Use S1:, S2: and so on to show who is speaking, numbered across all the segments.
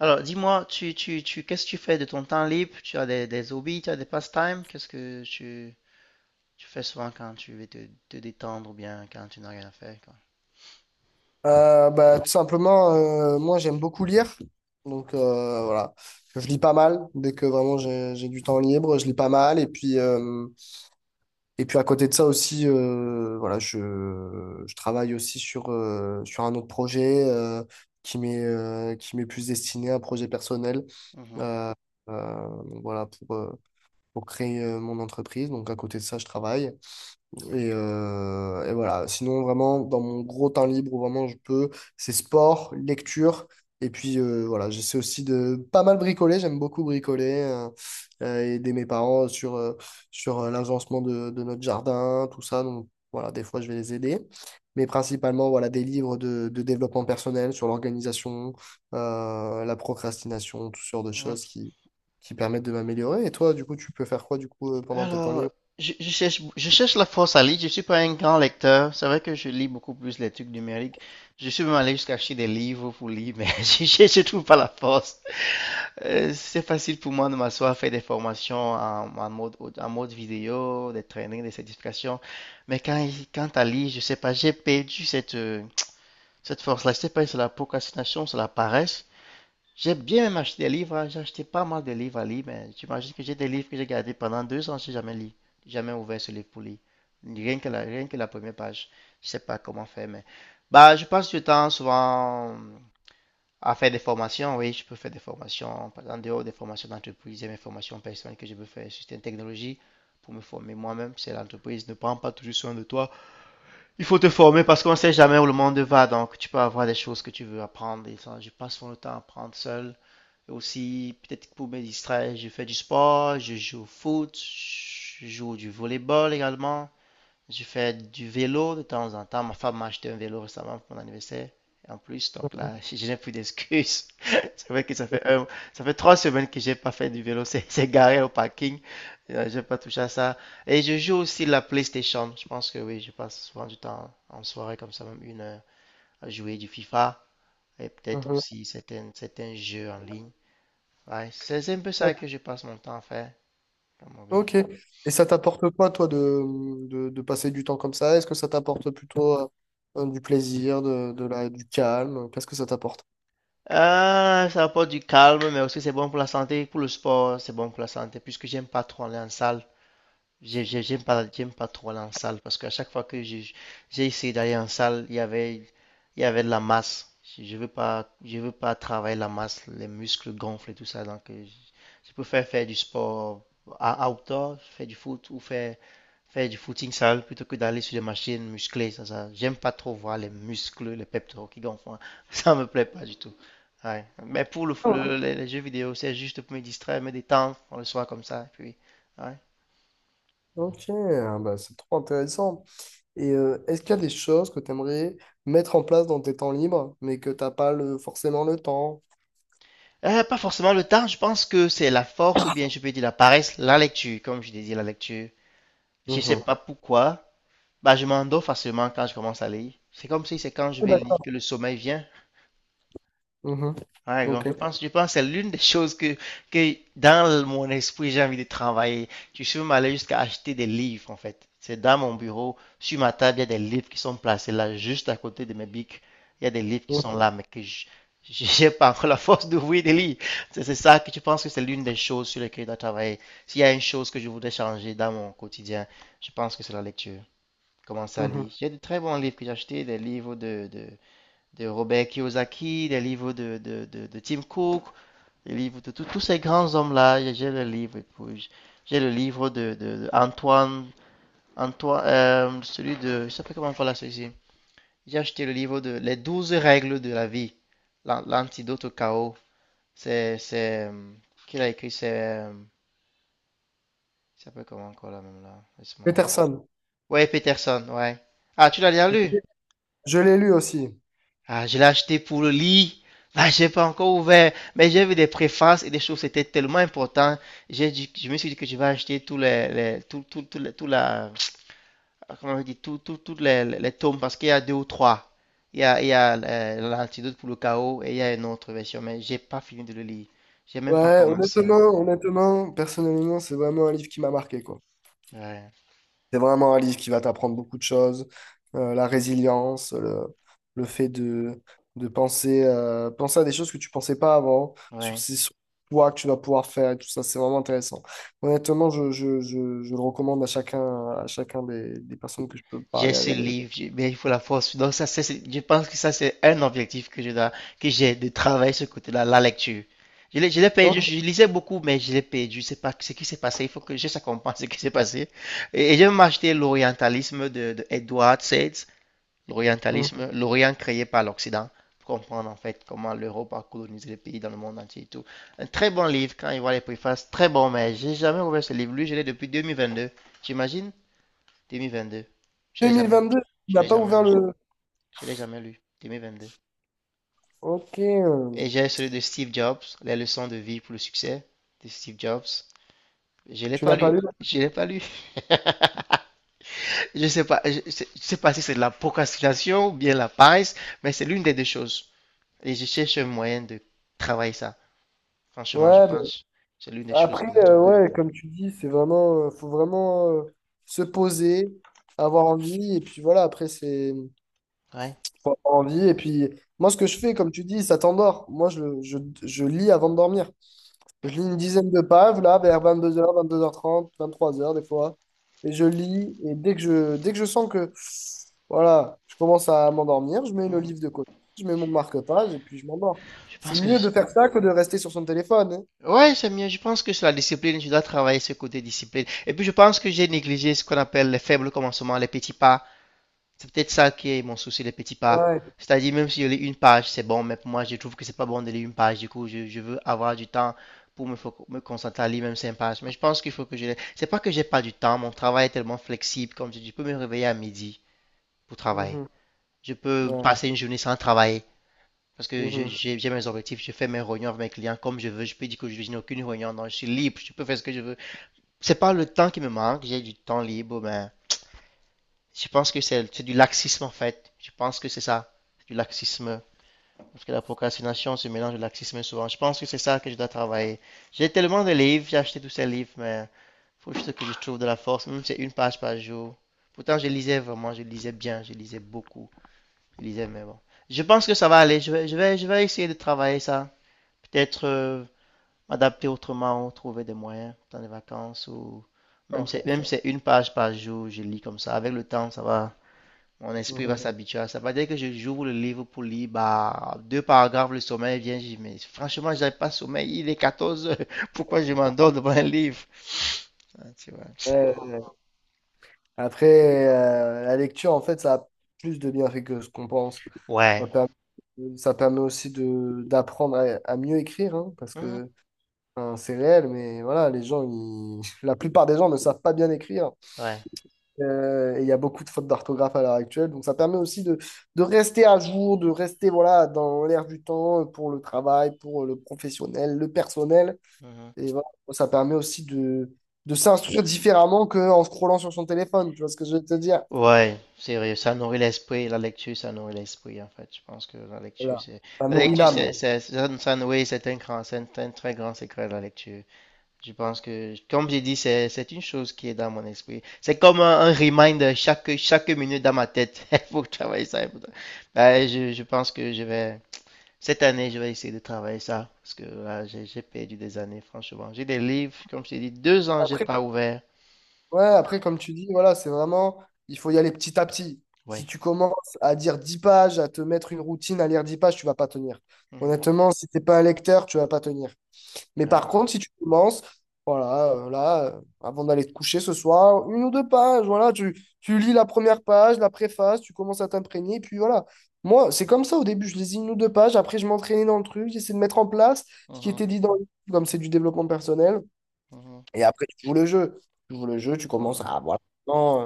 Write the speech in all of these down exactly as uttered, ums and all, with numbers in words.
S1: Alors, dis-moi, tu, tu, tu, qu'est-ce que tu fais de ton temps libre? Tu as des, des hobbies, tu as des pastimes? Qu'est-ce que tu, tu fais souvent quand tu veux te, te détendre ou bien quand tu n'as rien à faire, quoi?
S2: Euh, bah, tout simplement, euh, moi j'aime beaucoup lire. Donc euh, voilà, je lis pas mal. Dès que vraiment j'ai j'ai du temps libre, je lis pas mal. Et puis, euh, et puis à côté de ça aussi, euh, voilà, je, je travaille aussi sur, euh, sur un autre projet euh, qui m'est euh, qui m'est plus destiné à un projet personnel. Euh, euh, donc voilà, pour, euh, pour créer euh, mon entreprise. Donc à côté de ça, je travaille. Et, euh, et voilà. Sinon, vraiment, dans mon gros temps libre où vraiment je peux, c'est sport, lecture. Et puis euh, voilà, j'essaie aussi de pas mal bricoler. J'aime beaucoup bricoler, euh, euh, aider mes parents sur, euh, sur euh, l'agencement de, de notre jardin, tout ça. Donc voilà, des fois je vais les aider. Mais principalement, voilà, des livres de, de développement personnel sur l'organisation, euh, la procrastination, toutes sortes de
S1: Mhm.
S2: choses qui, qui permettent de m'améliorer. Et toi, du coup, tu peux faire quoi du coup euh, pendant tes temps
S1: Alors,
S2: libres?
S1: je, je cherche, je cherche la force à lire. Je suis pas un grand lecteur. C'est vrai que je lis beaucoup plus les trucs numériques. Je suis même allé jusqu'à acheter des livres pour lire, mais je, je, je trouve pas la force. Euh, c'est facile pour moi de m'asseoir, faire des formations en, en mode, audio- en mode vidéo, des trainings, des certifications. Mais quand, il- quand à lire, je sais pas, j'ai perdu cette, euh, cette force-là. Je sais pas si c'est la procrastination, c'est la paresse. J'ai bien même acheté des livres, hein. J'ai acheté pas mal de livres à lire, mais j'imagine que j'ai des livres que j'ai gardés pendant deux ans. J'ai jamais lu, jamais ouvert ce livre pour lire. Rien que la, rien que la première page. Je sais pas comment faire, mais bah, je passe du temps souvent à faire des formations. Oui, je peux faire des formations, par exemple, en dehors des formations d'entreprise et mes formations personnelles que je peux faire sur certaines technologies pour me former moi-même. C'est l'entreprise ne prend pas toujours soin de toi. Il faut te former parce qu'on ne sait jamais où le monde va, donc tu peux avoir des choses que tu veux apprendre. Et ça, je passe mon temps à apprendre seul aussi. Peut-être pour me distraire, je fais du sport, je joue au foot, je joue du volleyball également, je fais du vélo de temps en temps. Ma femme m'a acheté un vélo récemment pour mon anniversaire. En plus, donc là, je je n'ai plus d'excuses. C'est vrai que ça fait un- ça fait trois semaines que j'ai pas fait du vélo. C'est c'est garé au parking. Euh, J'ai pas touché à ça. Et je joue aussi la PlayStation. Je pense que oui, je passe souvent du temps en soirée comme ça, même une heure, à jouer du FIFA et peut-être
S2: Mhm.
S1: aussi certains, certains jeux en ligne. Ouais, c'est un peu ça que je passe mon temps à faire comme hobby.
S2: Ok. Et ça t'apporte quoi, toi, de, de, de passer du temps comme ça? Est-ce que ça t'apporte plutôt euh, euh, du plaisir, de, de la, du calme? Qu'est-ce que ça t'apporte?
S1: Ah, ça apporte du calme, mais aussi c'est bon pour la santé, pour le sport, c'est bon pour la santé, puisque j'aime pas trop aller en salle. J'ai- j'ai- J'aime pas, j'aime pas trop aller en salle, parce qu'à chaque fois que j'ai j'ai essayé d'aller en salle, il y avait, il y avait de la masse. Je je veux pas, je veux pas travailler la masse, les muscles gonflent et tout ça, donc euh, je je préfère faire du sport à outdoor, faire du foot ou faire faire du footing sale plutôt que d'aller sur des machines musclées. Ça, ça, j'aime pas trop voir les muscles, les pectoraux qui gonflent, hein. Ça me plaît pas du tout. Ouais. Mais pour le, le- les, les jeux vidéo, c'est juste pour me distraire, me détendre pour le soir comme ça. Et puis, ouais.
S2: Ok, ah bah c'est trop intéressant. Et euh, est-ce qu'il y a des choses que tu aimerais mettre en place dans tes temps libres, mais que t'as pas le, forcément le temps?
S1: Euh, pas forcément le temps, je pense que c'est la force ou bien je peux dire la paresse, la lecture, comme je disais, la lecture. Je sais
S2: Mhm.
S1: pas pourquoi, bah, je m'endors facilement quand je commence à lire. C'est comme si c'est quand je
S2: Oui,
S1: vais lire
S2: d'accord.
S1: que le sommeil vient.
S2: Mhm.
S1: Ouais, donc
S2: Ok.
S1: je Donc, euh, pense, je pense que c'est l'une des choses que, que dans mon esprit, j'ai envie de travailler. Tu peux m'aller jusqu'à acheter des livres, en fait. C'est dans mon bureau, sur ma table, il y a des livres qui sont placés là, juste à côté de mes bics. Il y a des livres qui
S2: Mhm.
S1: sont, ouais, là, mais que je n'ai pas encore la force d'ouvrir des livres. C'est c'est ça que tu penses que c'est l'une des choses sur lesquelles je dois travailler. S'il y a une chose que je voudrais changer dans mon quotidien, je pense que c'est la lecture. Commencer à
S2: Mhm.
S1: lire. J'ai de très bons livres que j'ai achetés, des livres de, de, de Robert Kiyosaki, des livres de, de, de, de Tim Cook, des livres de tout- tous ces grands hommes-là. J'ai le livre. J'ai le livre de, de- de Antoine, Antoine euh, celui de, je ne sais pas comment on fait là celui-ci. J'ai acheté le livre de Les douze règles de la vie, l'antidote au chaos. C'est, c'est, euh, qui l'a écrit? C'est, euh, il s'appelle comment encore là même là? Laisse-moi voir.
S2: Peterson.
S1: Ouais, Peterson, ouais. Ah, tu l'as déjà lu?
S2: Je l'ai lu aussi.
S1: Ah, je l'ai acheté pour le lit. Ah, j'ai pas encore ouvert, mais j'ai vu des préfaces et des choses, c'était tellement important. J'ai dit, je me suis dit que je vais acheter tous les, les tout, tout, tout, les- tout la, comment on dit, tout, tout, tous les, les- les tomes parce qu'il y a deux ou trois. Il y a, il y a euh, l'antidote pour le chaos et il y a une autre version, mais j'ai pas fini de le lire. J'ai même pas
S2: Ouais,
S1: commencé.
S2: honnêtement, honnêtement, personnellement, c'est vraiment un livre qui m'a marqué, quoi.
S1: Ouais,
S2: C'est vraiment un livre qui va t'apprendre beaucoup de choses. Euh, la résilience, le, le fait de, de penser, euh, penser à des choses que tu pensais pas avant, sur
S1: ouais.
S2: ces sur toi que tu vas pouvoir faire et tout ça, c'est vraiment intéressant. Honnêtement, je, je, je, je le recommande à chacun, à chacun des, des personnes que je peux
S1: J'ai
S2: parler
S1: ce
S2: avec.
S1: livre, j'ai- mais il faut la force. Donc ça, c'est, c'est- je pense que ça, c'est un objectif que je dois, que j'ai de travailler ce côté-là, la lecture. Je l'ai, je l'ai
S2: Oh,
S1: perdu, je lisais beaucoup, mais je l'ai perdu. C'est pas ce qui s'est passé. Il faut que je ça comprenne ce qui s'est passé. Et, et j'ai même acheté l'orientalisme de, de Edward Said,
S2: hmm.
S1: l'orientalisme, l'Orient créé par l'Occident, pour comprendre en fait comment l'Europe a colonisé les pays dans le monde entier et tout. Un très bon livre quand il voit les préfaces, très bon, mais j'ai jamais ouvert ce livre. Lui, je l'ai depuis deux mille vingt-deux, j'imagine. deux mille vingt-deux. Je l'ai jamais,
S2: deux mille vingt-deux, tu
S1: je
S2: n'as
S1: l'ai
S2: pas
S1: jamais
S2: ouvert
S1: lu.
S2: le…
S1: Je l'ai jamais lu. deux mille vingt-deux.
S2: Ok, euh,
S1: Et j'ai celui de Steve Jobs, Les leçons de vie pour le succès de Steve Jobs. Je l'ai
S2: tu
S1: pas
S2: n'as pas
S1: lu.
S2: lu? Ouais,
S1: Je l'ai pas lu. Je sais pas, je je sais je sais pas si c'est de la procrastination ou bien la paresse, mais c'est l'une des deux choses. Et je cherche un moyen de travailler ça. Franchement, je
S2: bah,
S1: pense que c'est l'une des choses
S2: Après,
S1: que je dois
S2: euh,
S1: travailler.
S2: ouais, comme tu dis, c'est vraiment, euh, faut vraiment euh, se poser, avoir envie, et puis voilà, après, c'est,
S1: Ouais.
S2: faut avoir envie, et puis, moi, ce que je fais, comme tu dis, ça t'endort. Moi, je, je, je lis avant de dormir. Je lis une dizaine de pages, là, vers vingt-deux heures, vingt-deux heures trente, vingt-trois heures, des fois, et je lis, et dès que je, dès que je sens que, voilà, je commence à m'endormir, je mets le
S1: Mhm.
S2: livre de côté, je mets mon marque-page, et puis je m'endors.
S1: Je
S2: C'est
S1: pense que,
S2: mieux de faire ça que de rester sur son téléphone, hein.
S1: ouais, c'est mieux. Je pense que sur la discipline, je dois travailler ce côté discipline. Et puis, je pense que j'ai négligé ce qu'on appelle les faibles commencements, les petits pas. C'est peut-être ça qui est mon souci, les petits pas.
S2: Ouais.
S1: C'est-à-dire, même si je lis une page, c'est bon, mais pour moi, je trouve que c'est pas bon de lire une page. Du coup, je, je veux avoir du temps pour me, fo- me concentrer à lire même cinq pages. Mais je pense qu'il faut que je les. C'est pas que j'ai pas du temps. Mon travail est tellement flexible. Comme je dis, je peux me réveiller à midi pour travailler.
S2: Mhm.
S1: Je peux
S2: Ouais.
S1: passer une journée sans travailler. Parce que j'ai
S2: Mhm.
S1: j'ai mes objectifs, je fais mes réunions avec mes clients comme je veux. Je peux dire que je n'ai aucune réunion, non, je suis libre, je peux faire ce que je veux. C'est pas le temps qui me manque, j'ai du temps libre, mais je pense que c'est du laxisme en fait. Je pense que c'est ça, c'est du laxisme. Parce que la procrastination se mélange de laxisme souvent. Je pense que c'est ça que je dois travailler. J'ai tellement de livres, j'ai acheté tous ces livres, mais il faut juste que je trouve de la force, même si c'est une page par jour. Pourtant, je lisais vraiment, je lisais bien, je lisais beaucoup, je lisais, mais bon. Je pense que ça va aller, je vais, je vais, je vais essayer de travailler ça. Peut-être euh, m'adapter autrement, trouver des moyens pendant les vacances ou même
S2: D'accord.
S1: c'est même c'est une page par jour, je lis comme ça. Avec le temps, ça va, mon esprit va
S2: Mhm.
S1: s'habituer à ça. Ça va dire que je- j'ouvre le livre pour lire, bah, deux paragraphes, le sommeil vient, je dis, mais franchement, j'avais pas sommeil, il est quatorze heures, pourquoi je m'endors devant un livre? Ah, tu vois.
S2: Euh, après, euh, la lecture, en fait, ça a plus de bienfaits que ce qu'on pense. Ça
S1: Ouais.
S2: permet, euh, ça permet aussi de d'apprendre à, à mieux écrire, hein, parce
S1: Mhm.
S2: que hein, c'est réel, mais voilà, les gens, ils- la plupart des gens ne savent pas bien écrire.
S1: Ouais.
S2: Euh, et il y a beaucoup de fautes d'orthographe à l'heure actuelle. Donc, ça permet aussi de, de rester à jour, de rester voilà, dans l'air du temps pour le travail, pour le professionnel, le personnel.
S1: Mhm.
S2: Et voilà, ça permet aussi de, de s'instruire différemment qu'en scrollant sur son téléphone, tu vois ce que je veux te dire?
S1: Ouais, c'est vrai, ça nourrit l'esprit, la lecture, ça nourrit l'esprit, en fait. Je pense que la lecture,
S2: Voilà,
S1: c'est.
S2: ça
S1: La
S2: nourrit
S1: lecture,
S2: l'âme.
S1: c'est... c'est- ça- ça- Oui, c'est un grand, c'est un, un très grand secret, la lecture. Je pense que, comme j'ai dit, c'est, c'est une chose qui est dans mon esprit. C'est comme un, un reminder chaque, chaque minute dans ma tête. Il faut travailler ça. il faut tra- Ben, je, je pense que je vais. Cette année, je vais essayer de travailler ça, parce que là, j'ai j'ai perdu des années, franchement. J'ai des livres, comme je t'ai dit, deux ans, j'ai
S2: Après,
S1: pas ouvert.
S2: ouais, après, comme tu dis, voilà, c'est vraiment, il faut y aller petit à petit. Si
S1: Ouais.
S2: tu commences à dire dix pages, à te mettre une routine, à lire dix pages, tu vas pas tenir.
S1: Mhm.
S2: Honnêtement, si t'es pas un lecteur, tu vas pas tenir. Mais
S1: Ouais.
S2: par contre, si tu commences, voilà, euh, là, euh, avant d'aller te coucher ce soir, une ou deux pages, voilà, tu, tu lis la première page, la préface, tu commences à t'imprégner, puis voilà. Moi, c'est comme ça au début, je lisais une ou deux pages, après je m'entraînais dans le truc, j'essayais de mettre en place ce qui
S1: Mhm.
S2: était dit dans le livre, comme c'est du développement personnel,
S1: Mhm.
S2: et après tu joues le jeu. Tu joues le jeu, tu commences
S1: Ouais.
S2: à voilà, vraiment,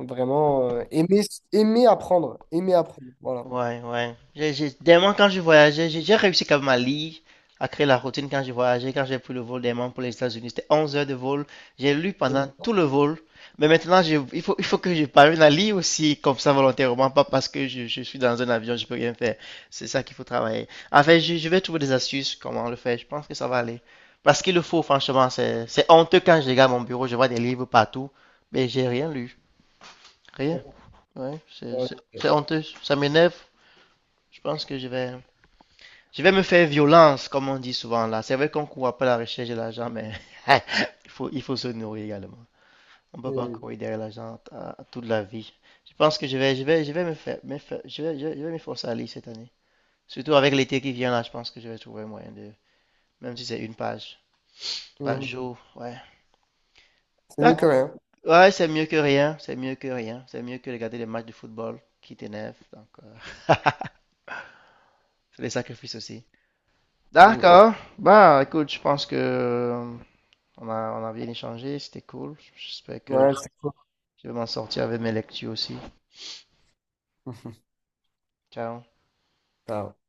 S2: euh, vraiment, euh, aimer, aimer apprendre, aimer apprendre, voilà.
S1: Ouais, ouais. J'ai, j'ai- dernièrement, quand je voyageais, j'ai j'ai réussi quand même à lire, à créer la routine quand je voyageais, quand j'ai pris le vol dernièrement pour les États-Unis. C'était onze heures de vol. J'ai lu pendant
S2: Mhm.
S1: tout le vol. Mais maintenant, je- il faut, il faut, que je parvienne à lire aussi, comme ça, volontairement, pas parce que je, je suis dans un avion, je peux rien faire. C'est ça qu'il faut travailler. En fait, je, je vais trouver des astuces, comment le faire. Je pense que ça va aller. Parce qu'il le faut, franchement. C'est, c'est honteux quand je regarde mon bureau, je vois des livres partout, mais j'ai rien lu. Rien.
S2: Ouais,
S1: Ouais, c'est
S2: ouais,
S1: c'est- c'est
S2: ouais.
S1: honteux. Ça m'énerve. Je pense que je vais, je vais me faire violence, comme on dit souvent là. C'est vrai qu'on court après la recherche de l'argent, mais il faut, il faut se nourrir également. On ne
S2: Eh
S1: peut pas
S2: oui.
S1: courir derrière l'argent à- toute la vie. Je pense que je vais, je vais, je vais me faire, me faire- je vais, je vais, je vais m'efforcer à lire cette année. Surtout avec l'été qui vient là, je pense que je vais trouver un moyen de, même si c'est une page par
S2: Mhm.
S1: jour, ouais.
S2: C'est mieux que
S1: D'ac-
S2: rien.
S1: Ouais, c'est mieux que rien, c'est mieux que rien, c'est mieux que regarder les matchs de football qui t'énervent. Donc, euh, c'est des sacrifices aussi.
S2: Mhm.
S1: D'accord. Bah, écoute, je pense que euh, On a, on a, bien échangé, c'était cool. J'espère que
S2: Ouais, c'est cool.
S1: je vais m'en sortir avec mes lectures aussi. Ciao.
S2: Ah ouais.